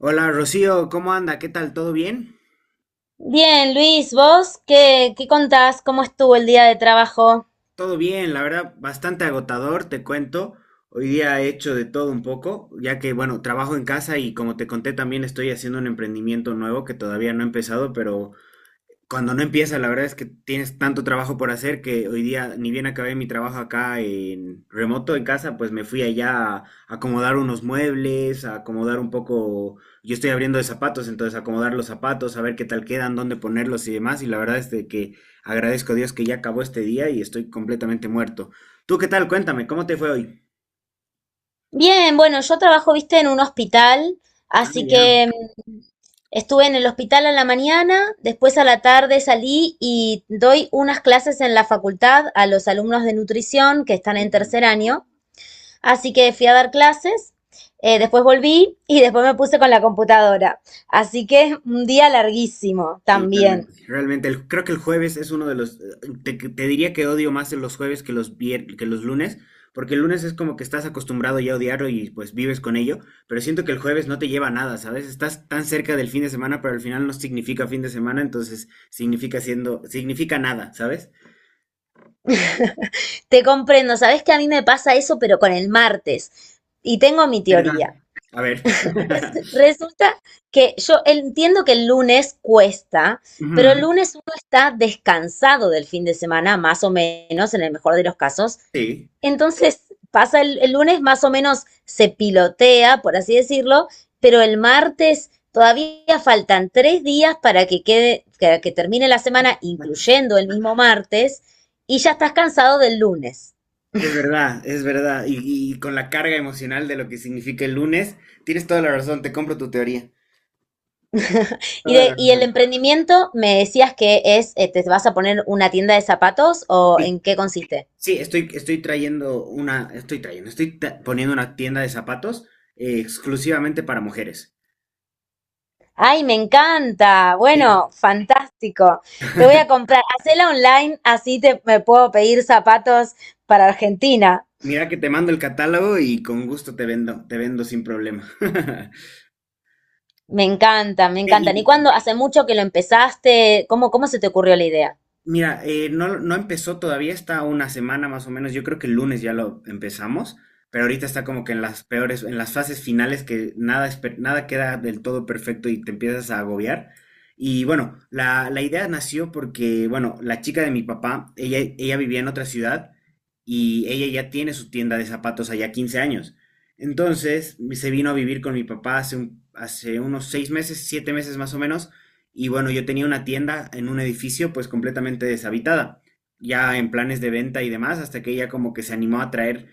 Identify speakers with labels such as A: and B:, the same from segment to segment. A: Hola Rocío, ¿cómo anda? ¿Qué tal? ¿Todo bien?
B: Bien, Luis, ¿vos qué contás? ¿Cómo estuvo el día de trabajo?
A: Todo bien, la verdad, bastante agotador, te cuento. Hoy día he hecho de todo un poco, ya que, bueno, trabajo en casa y como te conté también estoy haciendo un emprendimiento nuevo que todavía no he empezado, pero cuando no empieza, la verdad es que tienes tanto trabajo por hacer que hoy día, ni bien acabé mi trabajo acá en remoto en casa, pues me fui allá a acomodar unos muebles, a acomodar un poco, yo estoy abriendo de zapatos, entonces acomodar los zapatos, a ver qué tal quedan, dónde ponerlos y demás, y la verdad es de que agradezco a Dios que ya acabó este día y estoy completamente muerto. ¿Tú qué tal? Cuéntame, ¿cómo te fue hoy?
B: Bien, bueno, yo trabajo, viste, en un hospital,
A: Ah,
B: así
A: ya.
B: que mm, estuve en el hospital a la mañana, después a la tarde salí y doy unas clases en la facultad a los alumnos de nutrición que están en tercer año, así que fui a dar clases, después volví y después me puse con la computadora, así que un día larguísimo
A: Sí,
B: también.
A: realmente. Realmente, creo que el jueves es uno de los. Te diría que odio más los jueves que los que los lunes, porque el lunes es como que estás acostumbrado ya a odiarlo y pues vives con ello, pero siento que el jueves no te lleva a nada, ¿sabes? Estás tan cerca del fin de semana, pero al final no significa fin de semana, entonces significa nada, ¿sabes?
B: Te comprendo, sabes que a mí me pasa eso, pero con el martes. Y tengo mi
A: ¿Verdad?
B: teoría.
A: A ver.
B: Resulta que yo entiendo que el lunes cuesta, pero el
A: Ujú,
B: lunes uno está descansado del fin de semana, más o menos, en el mejor de los casos.
A: sí.
B: Entonces pasa el lunes más o menos se pilotea, por así decirlo, pero el martes todavía faltan tres días para que quede, que termine la semana, incluyendo el mismo martes, y ya estás cansado del lunes.
A: Es verdad, es verdad. Y con la carga emocional de lo que significa el lunes, tienes toda la razón, te compro tu teoría.
B: Y,
A: Toda
B: de,
A: la
B: y el
A: razón.
B: emprendimiento, me decías que es, te vas a poner una tienda de zapatos o
A: Sí,
B: en qué consiste.
A: sí, estoy, estoy trayendo una, estoy trayendo, estoy ta- poniendo una tienda de zapatos exclusivamente para mujeres.
B: Ay, me encanta.
A: Sí,
B: Bueno, fantástico. Te voy a comprar. Hacela online, así te, me puedo pedir zapatos para Argentina.
A: mira que te mando el catálogo y con gusto te vendo sin problema.
B: Me encanta, me
A: Eh,
B: encantan. ¿Y
A: Y,
B: cuándo? ¿Hace mucho que lo empezaste? ¿Cómo se te ocurrió la idea?
A: mira, no empezó todavía, está una semana más o menos. Yo creo que el lunes ya lo empezamos, pero ahorita está como que en las peores, en las fases finales que nada, nada queda del todo perfecto y te empiezas a agobiar. Y bueno, la idea nació porque, bueno, la chica de mi papá, ella vivía en otra ciudad y ella ya tiene su tienda de zapatos allá 15 años. Entonces, se vino a vivir con mi papá hace unos 6 meses, 7 meses más o menos y bueno, yo tenía una tienda en un edificio pues completamente deshabitada, ya en planes de venta y demás, hasta que ella como que se animó a traer,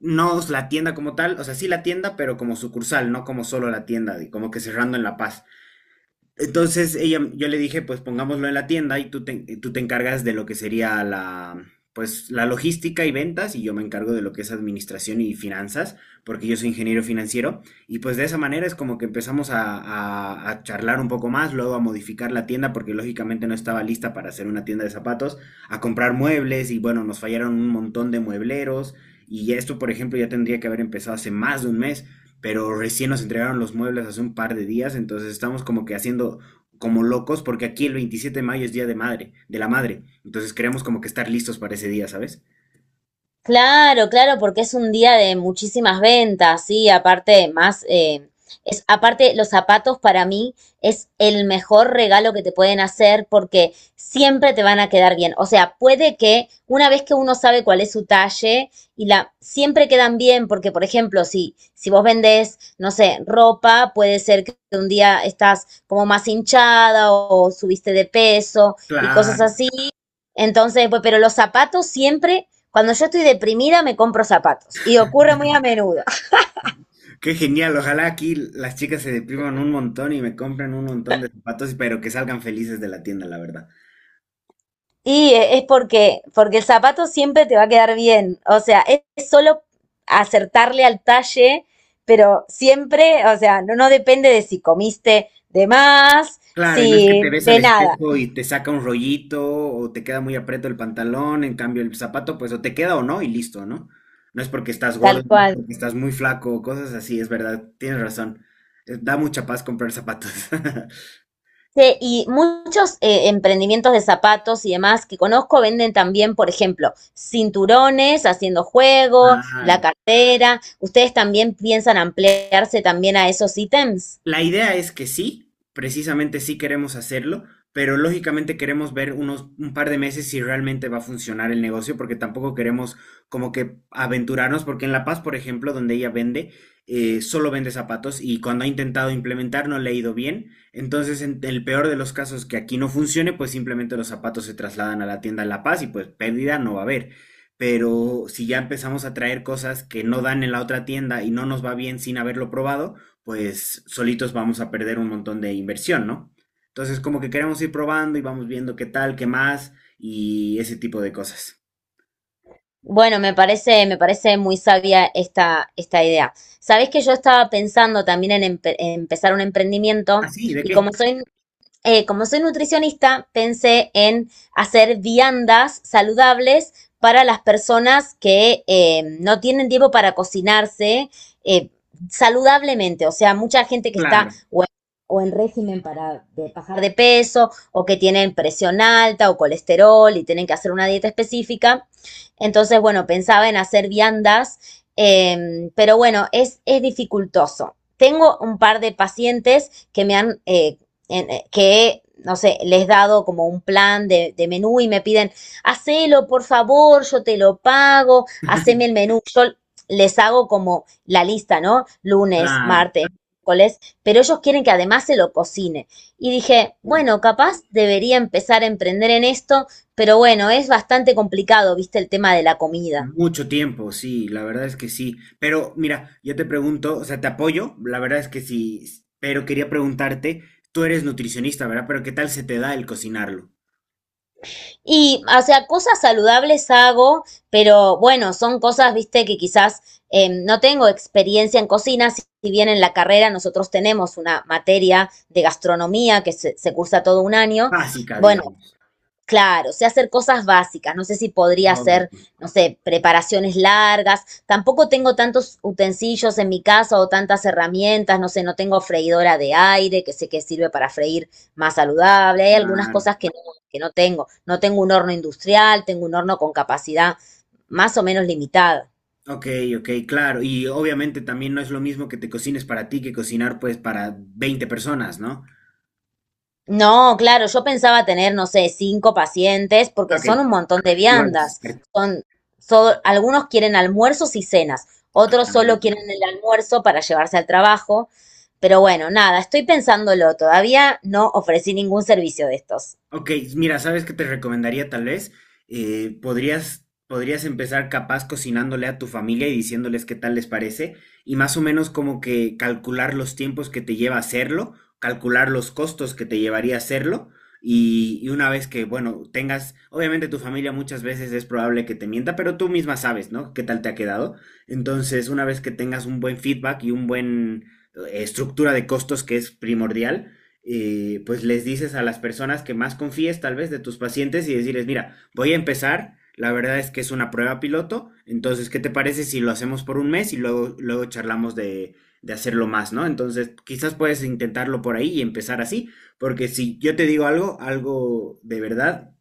A: no la tienda como tal, o sea, sí la tienda, pero como sucursal, no como solo la tienda, como que cerrando en La Paz. Entonces ella, yo le dije, pues pongámoslo en la tienda y tú te encargas de lo que sería la, pues, la logística y ventas y yo me encargo de lo que es administración y finanzas, porque yo soy ingeniero financiero. Y pues de esa manera es como que empezamos a charlar un poco más, luego a modificar la tienda, porque lógicamente no estaba lista para hacer una tienda de zapatos, a comprar muebles y bueno, nos fallaron un montón de muebleros. Y esto, por ejemplo, ya tendría que haber empezado hace más de un mes, pero recién nos entregaron los muebles hace un par de días, entonces estamos como que haciendo como locos, porque aquí el 27 de mayo es Día de Madre, de la Madre, entonces queremos como que estar listos para ese día, ¿sabes?
B: Claro, claro, porque es un día de muchísimas ventas, sí, aparte más, es, aparte los zapatos para mí es el mejor regalo que te pueden hacer porque siempre te van a quedar bien. O sea, puede que una vez que uno sabe cuál es su talle y la, siempre quedan bien porque, por ejemplo, si, si vos vendés, no sé, ropa, puede ser que un día estás como más hinchada o subiste de peso y cosas
A: Claro,
B: así. Entonces, pues, pero los zapatos siempre, cuando yo estoy deprimida, me compro zapatos. Y ocurre muy a menudo.
A: qué genial, ojalá aquí las chicas se depriman un montón y me compren un montón de zapatos, pero que salgan felices de la tienda, la verdad.
B: Y es porque, porque el zapato siempre te va a quedar bien. O sea, es solo acertarle al talle, pero siempre, o sea, no, no depende de si comiste de más,
A: Claro, y no es que
B: si
A: te ves al
B: de nada,
A: espejo y te saca un rollito o te queda muy aprieto el pantalón, en cambio el zapato pues o te queda o no y listo, ¿no? No es porque estás
B: tal
A: gordo, no es
B: cual.
A: porque estás muy flaco, cosas así, es verdad, tienes razón. Da mucha paz comprar zapatos.
B: Sí, y muchos emprendimientos de zapatos y demás que conozco venden también, por ejemplo, cinturones, haciendo juego, la
A: Claro.
B: cartera. ¿Ustedes también piensan ampliarse también a esos ítems?
A: La idea es que sí, precisamente sí queremos hacerlo, pero lógicamente queremos ver unos un par de meses si realmente va a funcionar el negocio, porque tampoco queremos como que aventurarnos, porque en La Paz, por ejemplo, donde ella vende, solo vende zapatos y cuando ha intentado implementar no le ha ido bien. Entonces, en el peor de los casos que aquí no funcione, pues simplemente los zapatos se trasladan a la tienda en La Paz y pues pérdida no va a haber. Pero si ya empezamos a traer cosas que no dan en la otra tienda y no nos va bien sin haberlo probado, pues solitos vamos a perder un montón de inversión, ¿no? Entonces como que queremos ir probando y vamos viendo qué tal, qué más y ese tipo de cosas.
B: Bueno, me parece muy sabia esta idea. Sabés que yo estaba pensando también en, en empezar un
A: ¿Ah,
B: emprendimiento
A: sí? ¿De
B: y
A: qué?
B: como soy nutricionista, pensé en hacer viandas saludables para las personas que no tienen tiempo para cocinarse eh, saludablemente. O sea, mucha gente que está
A: Claro,
B: o en régimen para de bajar de peso o que tienen presión alta o colesterol y tienen que hacer una dieta específica. Entonces, bueno, pensaba en hacer viandas, pero bueno, es dificultoso tengo un par de pacientes que me han que, no sé, les he dado como un plan de menú y me piden, hacelo, por favor, yo te lo pago, haceme el menú. Yo les hago como la lista, ¿no? Lunes,
A: claro.
B: martes, miércoles, pero ellos quieren que además se lo cocine. Y dije,
A: Sí.
B: bueno, capaz debería empezar a emprender en esto, pero bueno, es bastante complicado, viste, el tema de la comida.
A: Mucho tiempo, sí, la verdad es que sí. Pero mira, yo te pregunto, o sea, te apoyo, la verdad es que sí, pero quería preguntarte, tú eres nutricionista, ¿verdad? Pero ¿qué tal se te da el cocinarlo?
B: Y, o sea, cosas saludables hago, pero bueno, son cosas, viste, que quizás no tengo experiencia en cocina, si bien en la carrera nosotros tenemos una materia de gastronomía que se cursa todo un año.
A: Básica,
B: Bueno,
A: digamos.
B: claro, o sea, hacer cosas básicas, no sé si podría hacer,
A: Lógico,
B: no sé, preparaciones largas, tampoco tengo tantos utensilios en mi casa o tantas herramientas, no sé, no tengo freidora de aire, que sé que sirve para freír más saludable, hay algunas
A: claro.
B: cosas que no tengo, no tengo un horno industrial, tengo un horno con capacidad más o menos limitada.
A: Ok, ok, claro. Y obviamente también no es lo mismo que te cocines para ti que cocinar pues para 20 personas, ¿no?
B: No, claro, yo pensaba tener, no sé, cinco pacientes, porque
A: Ok,
B: son un montón de
A: igual es.
B: viandas. Son, algunos quieren almuerzos y cenas, otros solo quieren el almuerzo para llevarse al trabajo. Pero bueno, nada, estoy pensándolo, todavía no ofrecí ningún servicio de estos.
A: Ok, mira, ¿sabes qué te recomendaría tal vez? Podrías empezar capaz cocinándole a tu familia y diciéndoles qué tal les parece y más o menos como que calcular los tiempos que te lleva hacerlo, calcular los costos que te llevaría hacerlo y una vez que, bueno, tengas, obviamente tu familia muchas veces es probable que te mienta, pero tú misma sabes, ¿no? ¿Qué tal te ha quedado? Entonces, una vez que tengas un buen feedback y un buen estructura de costos que es primordial. Pues les dices a las personas que más confíes tal vez de tus pacientes y decirles, mira, voy a empezar, la verdad es que es una prueba piloto, entonces, ¿qué te parece si lo hacemos por un mes y luego, luego charlamos de hacerlo más, ¿no? Entonces, quizás puedes intentarlo por ahí y empezar así, porque si yo te digo algo, algo de verdad,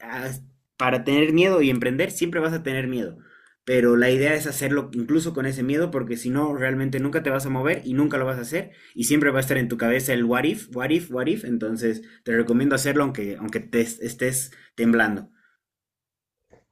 A: as- para tener miedo y emprender siempre vas a tener miedo, pero la idea es hacerlo incluso con ese miedo porque si no realmente nunca te vas a mover y nunca lo vas a hacer y siempre va a estar en tu cabeza el what if, what if, what if, entonces te recomiendo hacerlo aunque estés temblando.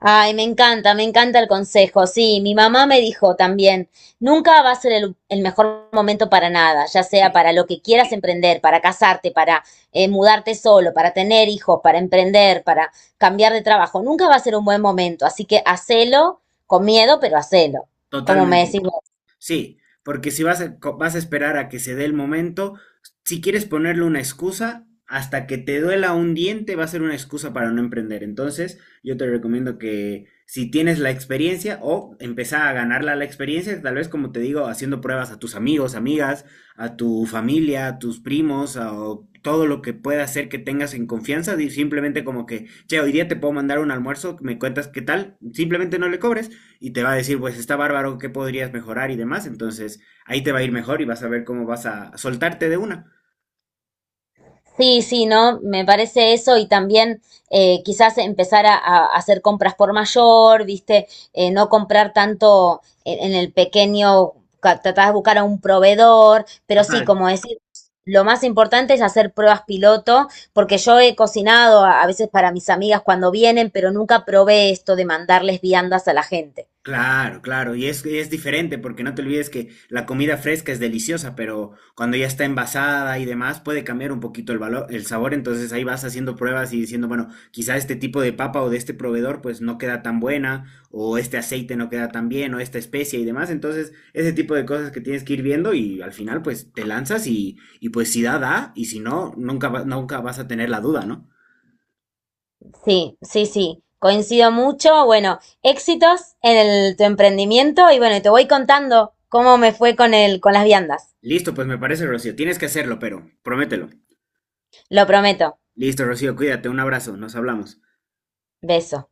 B: Ay, me encanta el consejo. Sí, mi mamá me dijo también, nunca va a ser el mejor momento para nada, ya sea para lo que quieras emprender, para casarte, para mudarte solo, para tener hijos, para emprender, para cambiar de trabajo. Nunca va a ser un buen momento, así que hacelo con miedo, pero hacelo, como me decís
A: Totalmente.
B: vos.
A: Sí, porque si vas vas a esperar a que se dé el momento, si quieres ponerle una excusa, hasta que te duela un diente va a ser una excusa para no emprender. Entonces, yo te recomiendo que si tienes la experiencia o empezar a ganarla la experiencia, tal vez como te digo, haciendo pruebas a tus amigos, amigas, a tu familia, a tus primos, a o todo lo que pueda hacer que tengas en confianza, simplemente como que, che, hoy día te puedo mandar un almuerzo, me cuentas qué tal, simplemente no le cobres y te va a decir, pues está bárbaro, ¿qué podrías mejorar y demás? Entonces ahí te va a ir mejor y vas a ver cómo vas a soltarte de una.
B: Sí, sí, ¿no? Me parece eso y también quizás empezar a hacer compras por mayor, ¿viste? No comprar tanto en el pequeño, tratar de buscar a un proveedor, pero sí,
A: Total,
B: como decir, lo más importante es hacer pruebas piloto, porque yo he cocinado a veces para mis amigas cuando vienen, pero nunca probé esto de mandarles viandas a la gente.
A: claro, claro, y es diferente porque no te olvides que la comida fresca es deliciosa, pero cuando ya está envasada y demás puede cambiar un poquito el valor, el sabor, entonces ahí vas haciendo pruebas y diciendo, bueno, quizá este tipo de papa o de este proveedor pues no queda tan buena, o este aceite no queda tan bien, o esta especie y demás, entonces ese tipo de cosas que tienes que ir viendo y al final pues te lanzas y pues si da, da, y si no, nunca, nunca vas a tener la duda, ¿no?
B: Sí, sí, sí, coincido mucho. Bueno, éxitos en tu emprendimiento y bueno, te voy contando cómo me fue con el, con las viandas.
A: Listo, pues me parece, Rocío, tienes que hacerlo, pero promételo.
B: Lo prometo.
A: Listo, Rocío, cuídate, un abrazo, nos hablamos.
B: Beso.